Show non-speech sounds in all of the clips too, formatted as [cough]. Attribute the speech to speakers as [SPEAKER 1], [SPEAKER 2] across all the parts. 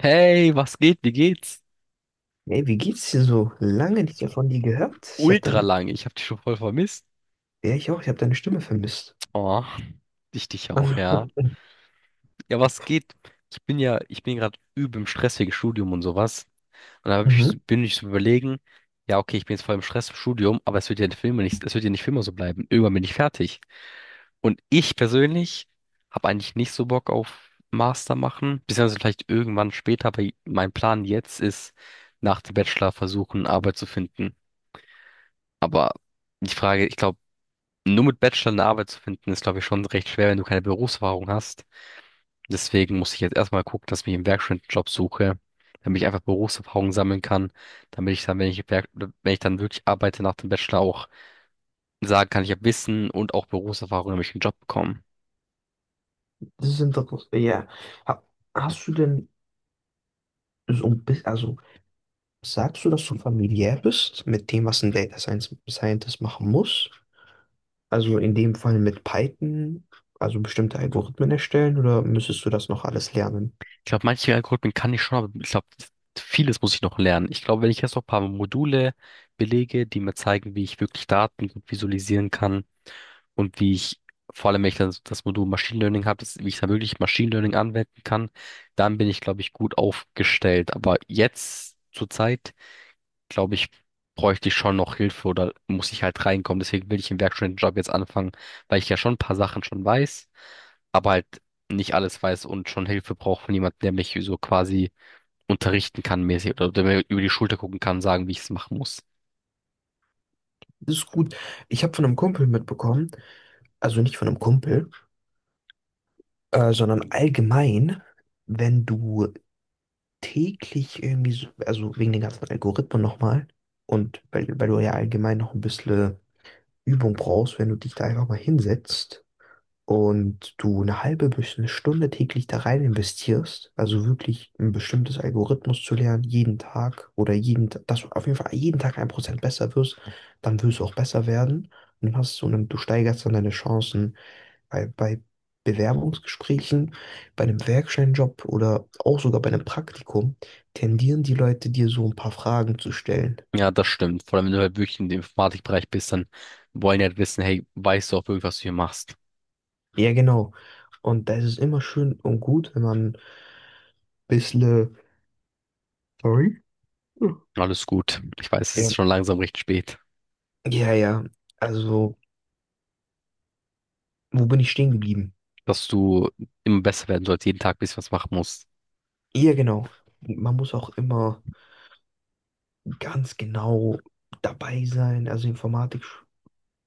[SPEAKER 1] Hey, was geht? Wie geht's?
[SPEAKER 2] Ey, wie geht's dir so? Lange nicht mehr von dir gehört. Ich habe
[SPEAKER 1] Ultra
[SPEAKER 2] deine,
[SPEAKER 1] lang. Ich hab dich schon voll vermisst.
[SPEAKER 2] ja, ich auch, ich habe deine Stimme vermisst.
[SPEAKER 1] Oh, ich dich auch, ja.
[SPEAKER 2] [laughs]
[SPEAKER 1] Ja, was geht? Ich bin gerade übel im Stress wegen Studium und sowas. Und da hab ich,
[SPEAKER 2] Mhm.
[SPEAKER 1] bin ich so überlegen, ja, okay, ich bin jetzt voll im Stress im Studium, aber es wird ja nicht für immer so bleiben. Irgendwann bin ich fertig. Und ich persönlich habe eigentlich nicht so Bock auf Master machen, beziehungsweise vielleicht irgendwann später, aber mein Plan jetzt ist, nach dem Bachelor versuchen, Arbeit zu finden. Aber die Frage, ich glaube, nur mit Bachelor eine Arbeit zu finden, ist, glaube ich, schon recht schwer, wenn du keine Berufserfahrung hast. Deswegen muss ich jetzt erstmal gucken, dass ich mir einen Werkstudentenjob suche, damit ich einfach Berufserfahrung sammeln kann, damit ich dann, wenn ich dann wirklich arbeite nach dem Bachelor auch sagen kann, ich habe Wissen und auch Berufserfahrung, damit ich einen Job bekomme.
[SPEAKER 2] Das ist interessant. Ja. Ha- Hast du denn so ein bisschen, also sagst du, dass du familiär bist mit dem, was ein Scientist machen muss? Also in dem Fall mit Python, also bestimmte Algorithmen erstellen oder müsstest du das noch alles lernen?
[SPEAKER 1] Ich glaube, manche Algorithmen kann ich schon, aber ich glaube, vieles muss ich noch lernen. Ich glaube, wenn ich jetzt noch ein paar Module belege, die mir zeigen, wie ich wirklich Daten gut visualisieren kann, und wie ich, vor allem wenn ich dann das Modul Machine Learning habe, wie ich dann wirklich Machine Learning anwenden kann, dann bin ich, glaube ich, gut aufgestellt. Aber jetzt zur Zeit, glaube ich, bräuchte ich schon noch Hilfe oder muss ich halt reinkommen. Deswegen will ich im Werkstudentenjob jetzt anfangen, weil ich ja schon ein paar Sachen schon weiß, aber halt nicht alles weiß und schon Hilfe brauche von jemandem, der mich so quasi unterrichten kann mäßig oder der mir über die Schulter gucken kann, sagen, wie ich es machen muss.
[SPEAKER 2] Das ist gut. Ich habe von einem Kumpel mitbekommen, also nicht von einem Kumpel, sondern allgemein, wenn du täglich irgendwie so, also wegen den ganzen Algorithmen nochmal und weil du ja allgemein noch ein bisschen Übung brauchst, wenn du dich da einfach mal hinsetzt und du eine halbe bis eine Stunde täglich da rein investierst, also wirklich ein bestimmtes Algorithmus zu lernen, jeden Tag oder dass du auf jeden Fall jeden Tag ein Prozent besser wirst, dann wirst du auch besser werden und dann hast du steigerst dann deine Chancen bei Bewerbungsgesprächen, bei einem Werkstudentenjob oder auch sogar bei einem Praktikum tendieren die Leute, dir so ein paar Fragen zu stellen.
[SPEAKER 1] Ja, das stimmt. Vor allem, wenn du halt wirklich in dem Informatikbereich bist, dann wollen die halt wissen, hey, weißt du auch wirklich, was du hier machst?
[SPEAKER 2] Ja, genau. Und da ist es immer schön und gut, wenn man ein bisschen... Sorry?
[SPEAKER 1] Alles gut. Ich weiß, es
[SPEAKER 2] Ja,
[SPEAKER 1] ist schon langsam recht spät,
[SPEAKER 2] ja, ja. Also, wo bin ich stehen geblieben?
[SPEAKER 1] dass du immer besser werden sollst, jeden Tag ein bisschen was machen musst.
[SPEAKER 2] Ja, genau. Man muss auch immer ganz genau dabei sein. Also Informatik,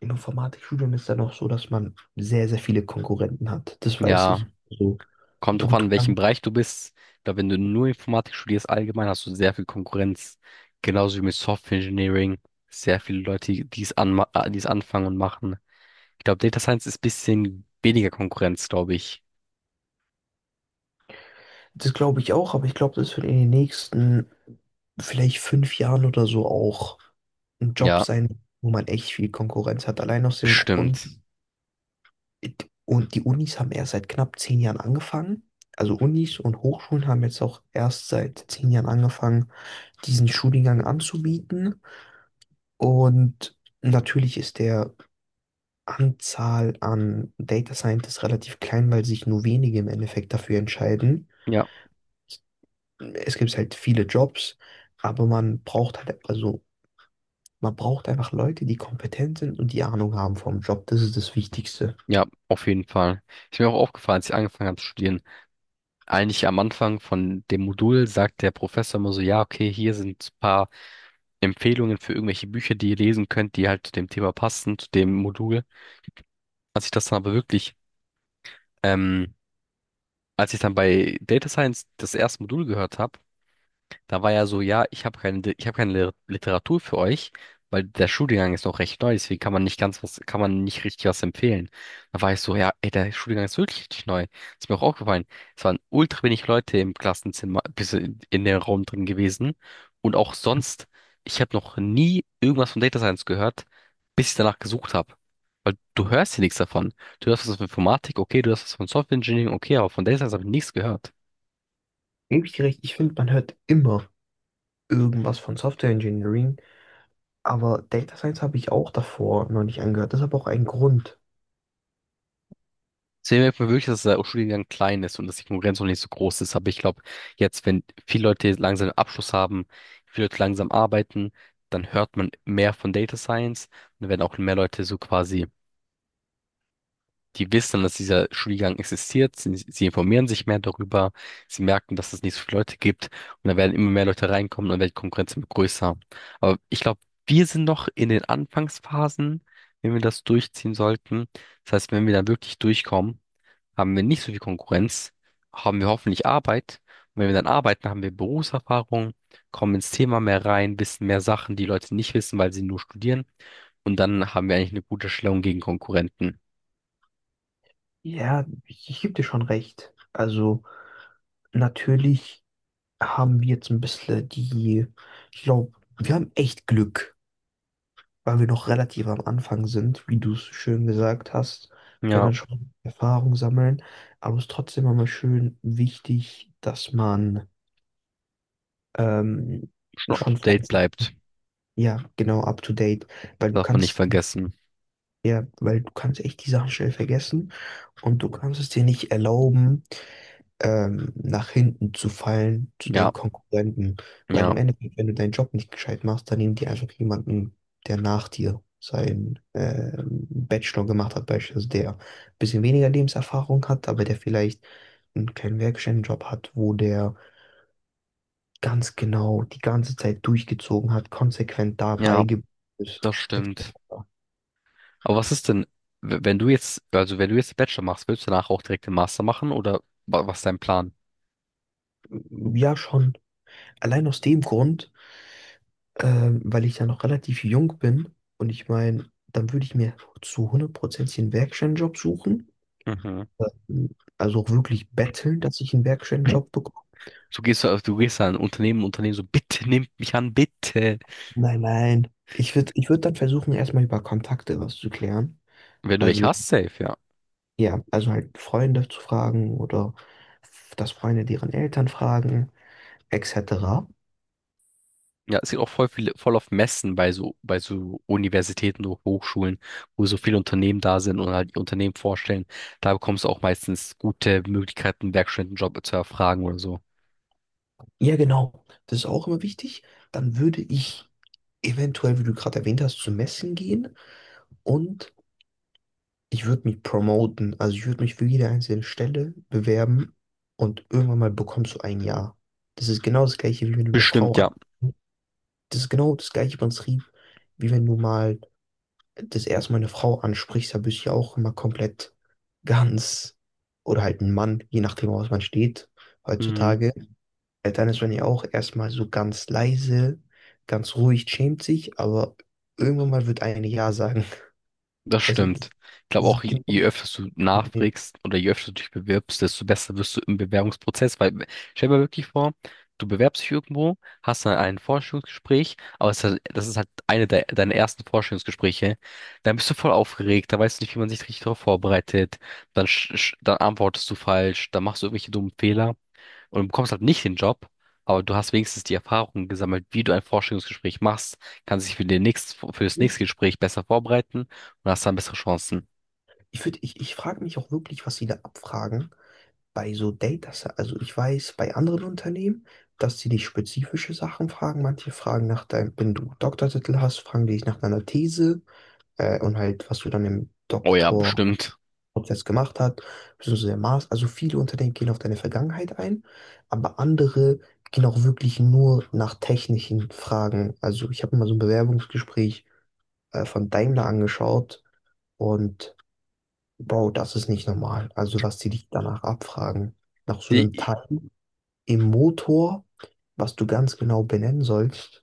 [SPEAKER 2] im Informatikstudium ist dann auch so, dass man sehr, sehr viele Konkurrenten hat. Das weiß
[SPEAKER 1] Ja,
[SPEAKER 2] ich. Also,
[SPEAKER 1] kommt drauf
[SPEAKER 2] du,
[SPEAKER 1] an,
[SPEAKER 2] du
[SPEAKER 1] in welchem Bereich du bist. Ich glaube, wenn du nur Informatik studierst, allgemein hast du sehr viel Konkurrenz. Genauso wie mit Software Engineering. Sehr viele Leute, die es anfangen und machen. Ich glaube, Data Science ist ein bisschen weniger Konkurrenz, glaube ich.
[SPEAKER 2] Das glaube ich auch, aber ich glaube, das wird in den nächsten vielleicht fünf Jahren oder so auch ein Job
[SPEAKER 1] Ja,
[SPEAKER 2] sein, wo man echt viel Konkurrenz hat. Allein aus dem Grund,
[SPEAKER 1] bestimmt.
[SPEAKER 2] und die Unis haben erst seit knapp zehn Jahren angefangen. Also Unis und Hochschulen haben jetzt auch erst seit zehn Jahren angefangen, diesen Studiengang anzubieten. Und natürlich ist der Anzahl an Data Scientists relativ klein, weil sich nur wenige im Endeffekt dafür entscheiden.
[SPEAKER 1] Ja.
[SPEAKER 2] Es gibt halt viele Jobs, aber man braucht halt, also man braucht einfach Leute, die kompetent sind und die Ahnung haben vom Job. Das ist das Wichtigste.
[SPEAKER 1] Ja, auf jeden Fall. Ist mir auch aufgefallen, als ich angefangen habe zu studieren. Eigentlich am Anfang von dem Modul sagt der Professor immer so, ja, okay, hier sind ein paar Empfehlungen für irgendwelche Bücher, die ihr lesen könnt, die halt zu dem Thema passen, zu dem Modul. Als ich das dann aber wirklich, ähm, Als ich dann bei Data Science das erste Modul gehört habe, da war ja so, ja, ich habe keine Literatur für euch, weil der Studiengang ist noch recht neu, deswegen kann man nicht richtig was empfehlen. Da war ich so, ja, ey, der Studiengang ist wirklich richtig neu. Ist mir auch aufgefallen. Es waren ultra wenig Leute im Klassenzimmer, in dem Raum drin gewesen. Und auch sonst, ich habe noch nie irgendwas von Data Science gehört, bis ich danach gesucht habe. Weil du hörst hier nichts davon. Du hörst was von Informatik, okay, du hörst was von Software Engineering, okay, aber von Data Science habe ich nichts gehört.
[SPEAKER 2] Gebe ich dir recht, ich finde, man hört immer irgendwas von Software Engineering, aber Data Science habe ich auch davor noch nicht angehört. Das ist aber auch ein Grund.
[SPEAKER 1] Deswegen merkt man wirklich, dass der Studiengang klein ist und dass die Konkurrenz noch nicht so groß ist. Aber ich glaube, jetzt, wenn viele Leute langsam einen Abschluss haben, viele Leute langsam arbeiten, dann hört man mehr von Data Science und dann werden auch mehr Leute so quasi, die wissen, dass dieser Studiengang existiert, sie informieren sich mehr darüber, sie merken, dass es nicht so viele Leute gibt und dann werden immer mehr Leute reinkommen und dann wird die Konkurrenz immer größer. Aber ich glaube, wir sind noch in den Anfangsphasen, wenn wir das durchziehen sollten. Das heißt, wenn wir dann wirklich durchkommen, haben wir nicht so viel Konkurrenz, haben wir hoffentlich Arbeit. Und wenn wir dann arbeiten, haben wir Berufserfahrung, kommen ins Thema mehr rein, wissen mehr Sachen, die Leute nicht wissen, weil sie nur studieren. Und dann haben wir eigentlich eine gute Stellung gegen Konkurrenten.
[SPEAKER 2] Ja, ich gebe dir schon recht. Also natürlich haben wir jetzt ein bisschen die, ich glaube, wir haben echt Glück, weil wir noch relativ am Anfang sind, wie du es schön gesagt hast, können
[SPEAKER 1] Ja,
[SPEAKER 2] dann schon Erfahrung sammeln. Aber es ist trotzdem immer schön wichtig, dass man ähm,
[SPEAKER 1] schon up to
[SPEAKER 2] schon
[SPEAKER 1] date
[SPEAKER 2] fleißig,
[SPEAKER 1] bleibt.
[SPEAKER 2] ja, genau, up to date, weil du
[SPEAKER 1] Darf man nicht vergessen.
[SPEAKER 2] ja, weil du kannst echt die Sachen schnell vergessen und du kannst es dir nicht erlauben, nach hinten zu fallen zu
[SPEAKER 1] Ja,
[SPEAKER 2] deinen Konkurrenten. Weil
[SPEAKER 1] ja,
[SPEAKER 2] im Endeffekt, wenn du deinen Job nicht gescheit machst, dann nehmen die einfach jemanden, der nach dir seinen Bachelor gemacht hat, beispielsweise, der ein bisschen weniger Lebenserfahrung hat, aber der vielleicht einen kleinen Werkstättenjob hat, wo der ganz genau die ganze Zeit durchgezogen hat, konsequent
[SPEAKER 1] ja,
[SPEAKER 2] dabei geblieben ist.
[SPEAKER 1] das stimmt. Aber was ist denn, wenn du jetzt, also wenn du jetzt den Bachelor machst, willst du danach auch direkt den Master machen oder was ist dein Plan?
[SPEAKER 2] Ja, schon. Allein aus dem Grund weil ich ja noch relativ jung bin und ich meine, dann würde ich mir zu hundert Prozent einen Werkstudentenjob suchen.
[SPEAKER 1] Mhm.
[SPEAKER 2] Ähm, Also auch wirklich betteln, dass ich einen Werkstudentenjob bekomme.
[SPEAKER 1] Du gehst an ein Unternehmen, Unternehmen so, bitte nehmt mich an, bitte.
[SPEAKER 2] Nein, nein. Ich würd dann versuchen, erstmal über Kontakte was zu klären.
[SPEAKER 1] Wenn du welche
[SPEAKER 2] Also,
[SPEAKER 1] hast, safe, ja.
[SPEAKER 2] ja, also halt Freunde zu fragen oder dass Freunde deren Eltern fragen, etc.
[SPEAKER 1] Ja, es gibt auch voll viele, voll auf Messen bei so Universitäten oder Hochschulen, wo so viele Unternehmen da sind und halt die Unternehmen vorstellen. Da bekommst du auch meistens gute Möglichkeiten, einen Werkstudentenjob zu erfragen oder so.
[SPEAKER 2] Ja, genau. Das ist auch immer wichtig. Dann würde ich eventuell, wie du gerade erwähnt hast, zu Messen gehen und ich würde mich promoten, also ich würde mich für jede einzelne Stelle bewerben und irgendwann mal bekommst du ein Ja. Das ist genau das gleiche, wie wenn du eine Frau
[SPEAKER 1] Bestimmt, ja.
[SPEAKER 2] an. Das ist genau das gleiche Prinzip, wie wenn du mal das erste Mal eine Frau ansprichst, da bist du ja auch immer komplett ganz oder halt ein Mann, je nachdem, woraus man steht
[SPEAKER 1] Mhm.
[SPEAKER 2] heutzutage. Dann ist man ja auch erstmal so ganz leise, ganz ruhig, schämt sich, aber irgendwann mal wird eine Ja sagen. [laughs]
[SPEAKER 1] Das
[SPEAKER 2] Also, das
[SPEAKER 1] stimmt. Ich glaube
[SPEAKER 2] ist
[SPEAKER 1] auch, je
[SPEAKER 2] genau
[SPEAKER 1] je
[SPEAKER 2] das
[SPEAKER 1] öfter du
[SPEAKER 2] Problem.
[SPEAKER 1] nachfragst oder je öfter du dich bewirbst, desto besser wirst du im Bewerbungsprozess. Weil stell dir mal wirklich vor, du bewerbst dich irgendwo, hast dann ein Vorstellungsgespräch, aber das ist halt eine de deiner ersten Vorstellungsgespräche. Dann bist du voll aufgeregt, da weißt du nicht, wie man sich richtig darauf vorbereitet. Dann, sch sch dann antwortest du falsch, dann machst du irgendwelche dummen Fehler und du bekommst halt nicht den Job, aber du hast wenigstens die Erfahrung gesammelt, wie du ein Vorstellungsgespräch machst, kannst dich für das nächste
[SPEAKER 2] Richtig.
[SPEAKER 1] Gespräch besser vorbereiten und hast dann bessere Chancen.
[SPEAKER 2] Ich würde, ich frage mich auch wirklich, was sie da abfragen bei so Data Science. Also ich weiß bei anderen Unternehmen, dass sie dich spezifische Sachen fragen. Manche fragen nach deinem, wenn du Doktortitel hast, fragen die dich nach deiner These und halt, was du dann im
[SPEAKER 1] Oh ja,
[SPEAKER 2] Doktorprozess
[SPEAKER 1] bestimmt.
[SPEAKER 2] gemacht hast, beziehungsweise der Master. Also viele Unternehmen gehen auf deine Vergangenheit ein, aber andere gehen auch wirklich nur nach technischen Fragen. Also ich habe mir mal so ein Bewerbungsgespräch von Daimler angeschaut. Und Bro, das ist nicht normal. Also, was die dich danach abfragen, nach so einem
[SPEAKER 1] Die,
[SPEAKER 2] Teil im Motor, was du ganz genau benennen sollst,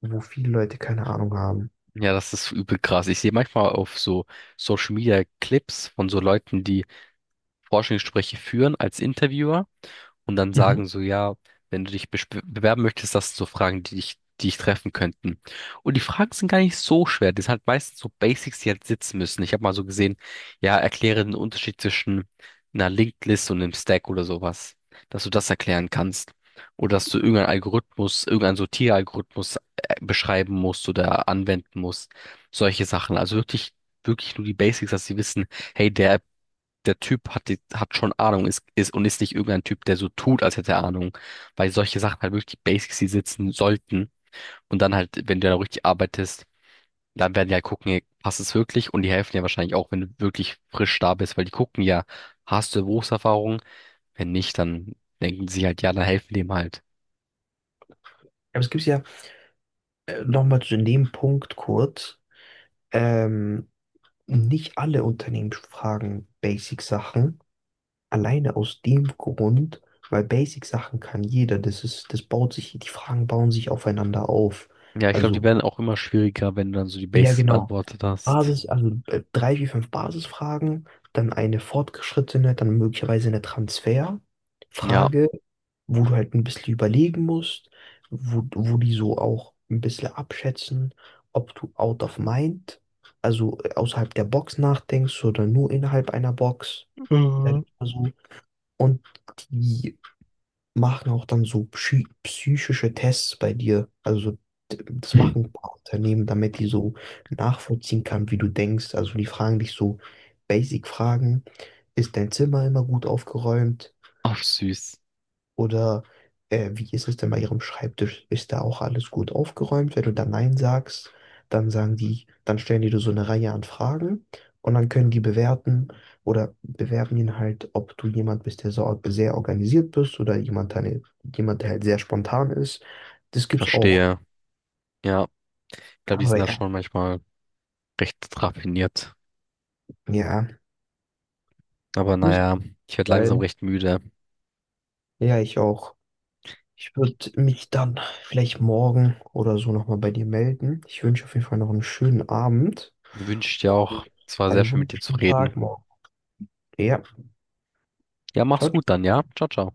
[SPEAKER 2] wo viele Leute keine Ahnung haben.
[SPEAKER 1] ja, das ist übel krass. Ich sehe manchmal auf so Social Media Clips von so Leuten, die Vorstellungsgespräche führen als Interviewer. Und dann
[SPEAKER 2] Mhm.
[SPEAKER 1] sagen so, ja, wenn du dich bewerben möchtest, das sind so Fragen, die dich treffen könnten. Und die Fragen sind gar nicht so schwer. Das sind halt meistens so Basics, die halt sitzen müssen. Ich habe mal so gesehen, ja, erkläre den Unterschied zwischen einer Linked List und einem Stack oder sowas, dass du das erklären kannst. Oder dass du irgendeinen Algorithmus, irgendeinen Sortieralgorithmus beschreiben musst oder anwenden musst. Solche Sachen. Also wirklich, wirklich nur die Basics, dass sie wissen, hey, der Typ hat, hat schon Ahnung ist nicht irgendein Typ, der so tut, als hätte er Ahnung. Weil solche Sachen halt wirklich die Basics, die sitzen sollten. Und dann halt, wenn du da richtig arbeitest, dann werden die halt gucken, ey, passt es wirklich? Und die helfen dir wahrscheinlich auch, wenn du wirklich frisch da bist, weil die gucken ja, hast du Berufserfahrung? Wenn nicht, dann denken sie halt, ja, dann helfen die ihm halt.
[SPEAKER 2] Aber es gibt ja nochmal zu dem Punkt kurz, ähm, nicht alle Unternehmen fragen Basic-Sachen, alleine aus dem Grund, weil Basic-Sachen kann jeder. Das baut sich, die Fragen bauen sich aufeinander auf.
[SPEAKER 1] Ja, ich glaube, die
[SPEAKER 2] Also
[SPEAKER 1] werden auch immer schwieriger, wenn du dann so die
[SPEAKER 2] ja,
[SPEAKER 1] Basics
[SPEAKER 2] genau.
[SPEAKER 1] beantwortet hast.
[SPEAKER 2] Basis, also drei wie fünf Basisfragen, dann eine fortgeschrittene, dann möglicherweise eine
[SPEAKER 1] Ja.
[SPEAKER 2] Transferfrage, wo du halt ein bisschen überlegen musst, wo die so auch ein bisschen abschätzen, ob du out of mind, also außerhalb der Box nachdenkst oder nur innerhalb einer Box, sag ich mal so. Und die machen auch dann so psychische Tests bei dir. Also so, das machen ein paar Unternehmen, damit die so nachvollziehen kann, wie du denkst. Also die fragen dich so Basic-Fragen. Ist dein Zimmer immer gut aufgeräumt?
[SPEAKER 1] Ach, süß.
[SPEAKER 2] Oder wie ist es denn bei Ihrem Schreibtisch? Ist da auch alles gut aufgeräumt? Wenn du da Nein sagst, dann sagen die, dann stellen die dir so eine Reihe an Fragen und dann können die bewerten oder bewerten ihn halt, ob du jemand bist, der so, sehr organisiert bist oder jemand, der halt sehr spontan ist. Das gibt's auch.
[SPEAKER 1] Verstehe. Ja. Ich glaube, die
[SPEAKER 2] Aber
[SPEAKER 1] sind da
[SPEAKER 2] ja,
[SPEAKER 1] schon manchmal recht raffiniert.
[SPEAKER 2] ja,
[SPEAKER 1] Aber
[SPEAKER 2] muss
[SPEAKER 1] naja, ich werde langsam
[SPEAKER 2] sein.
[SPEAKER 1] recht müde.
[SPEAKER 2] Ja, ich auch. Ich würde mich dann vielleicht morgen oder so nochmal bei dir melden. Ich wünsche auf jeden Fall noch einen schönen Abend.
[SPEAKER 1] Mir wünscht ja auch,
[SPEAKER 2] Und
[SPEAKER 1] es war sehr
[SPEAKER 2] einen
[SPEAKER 1] schön mit dir zu
[SPEAKER 2] wunderschönen
[SPEAKER 1] reden.
[SPEAKER 2] Tag morgen. Ja,
[SPEAKER 1] Ja, mach's gut
[SPEAKER 2] ciao.
[SPEAKER 1] dann, ja? Ciao, ciao.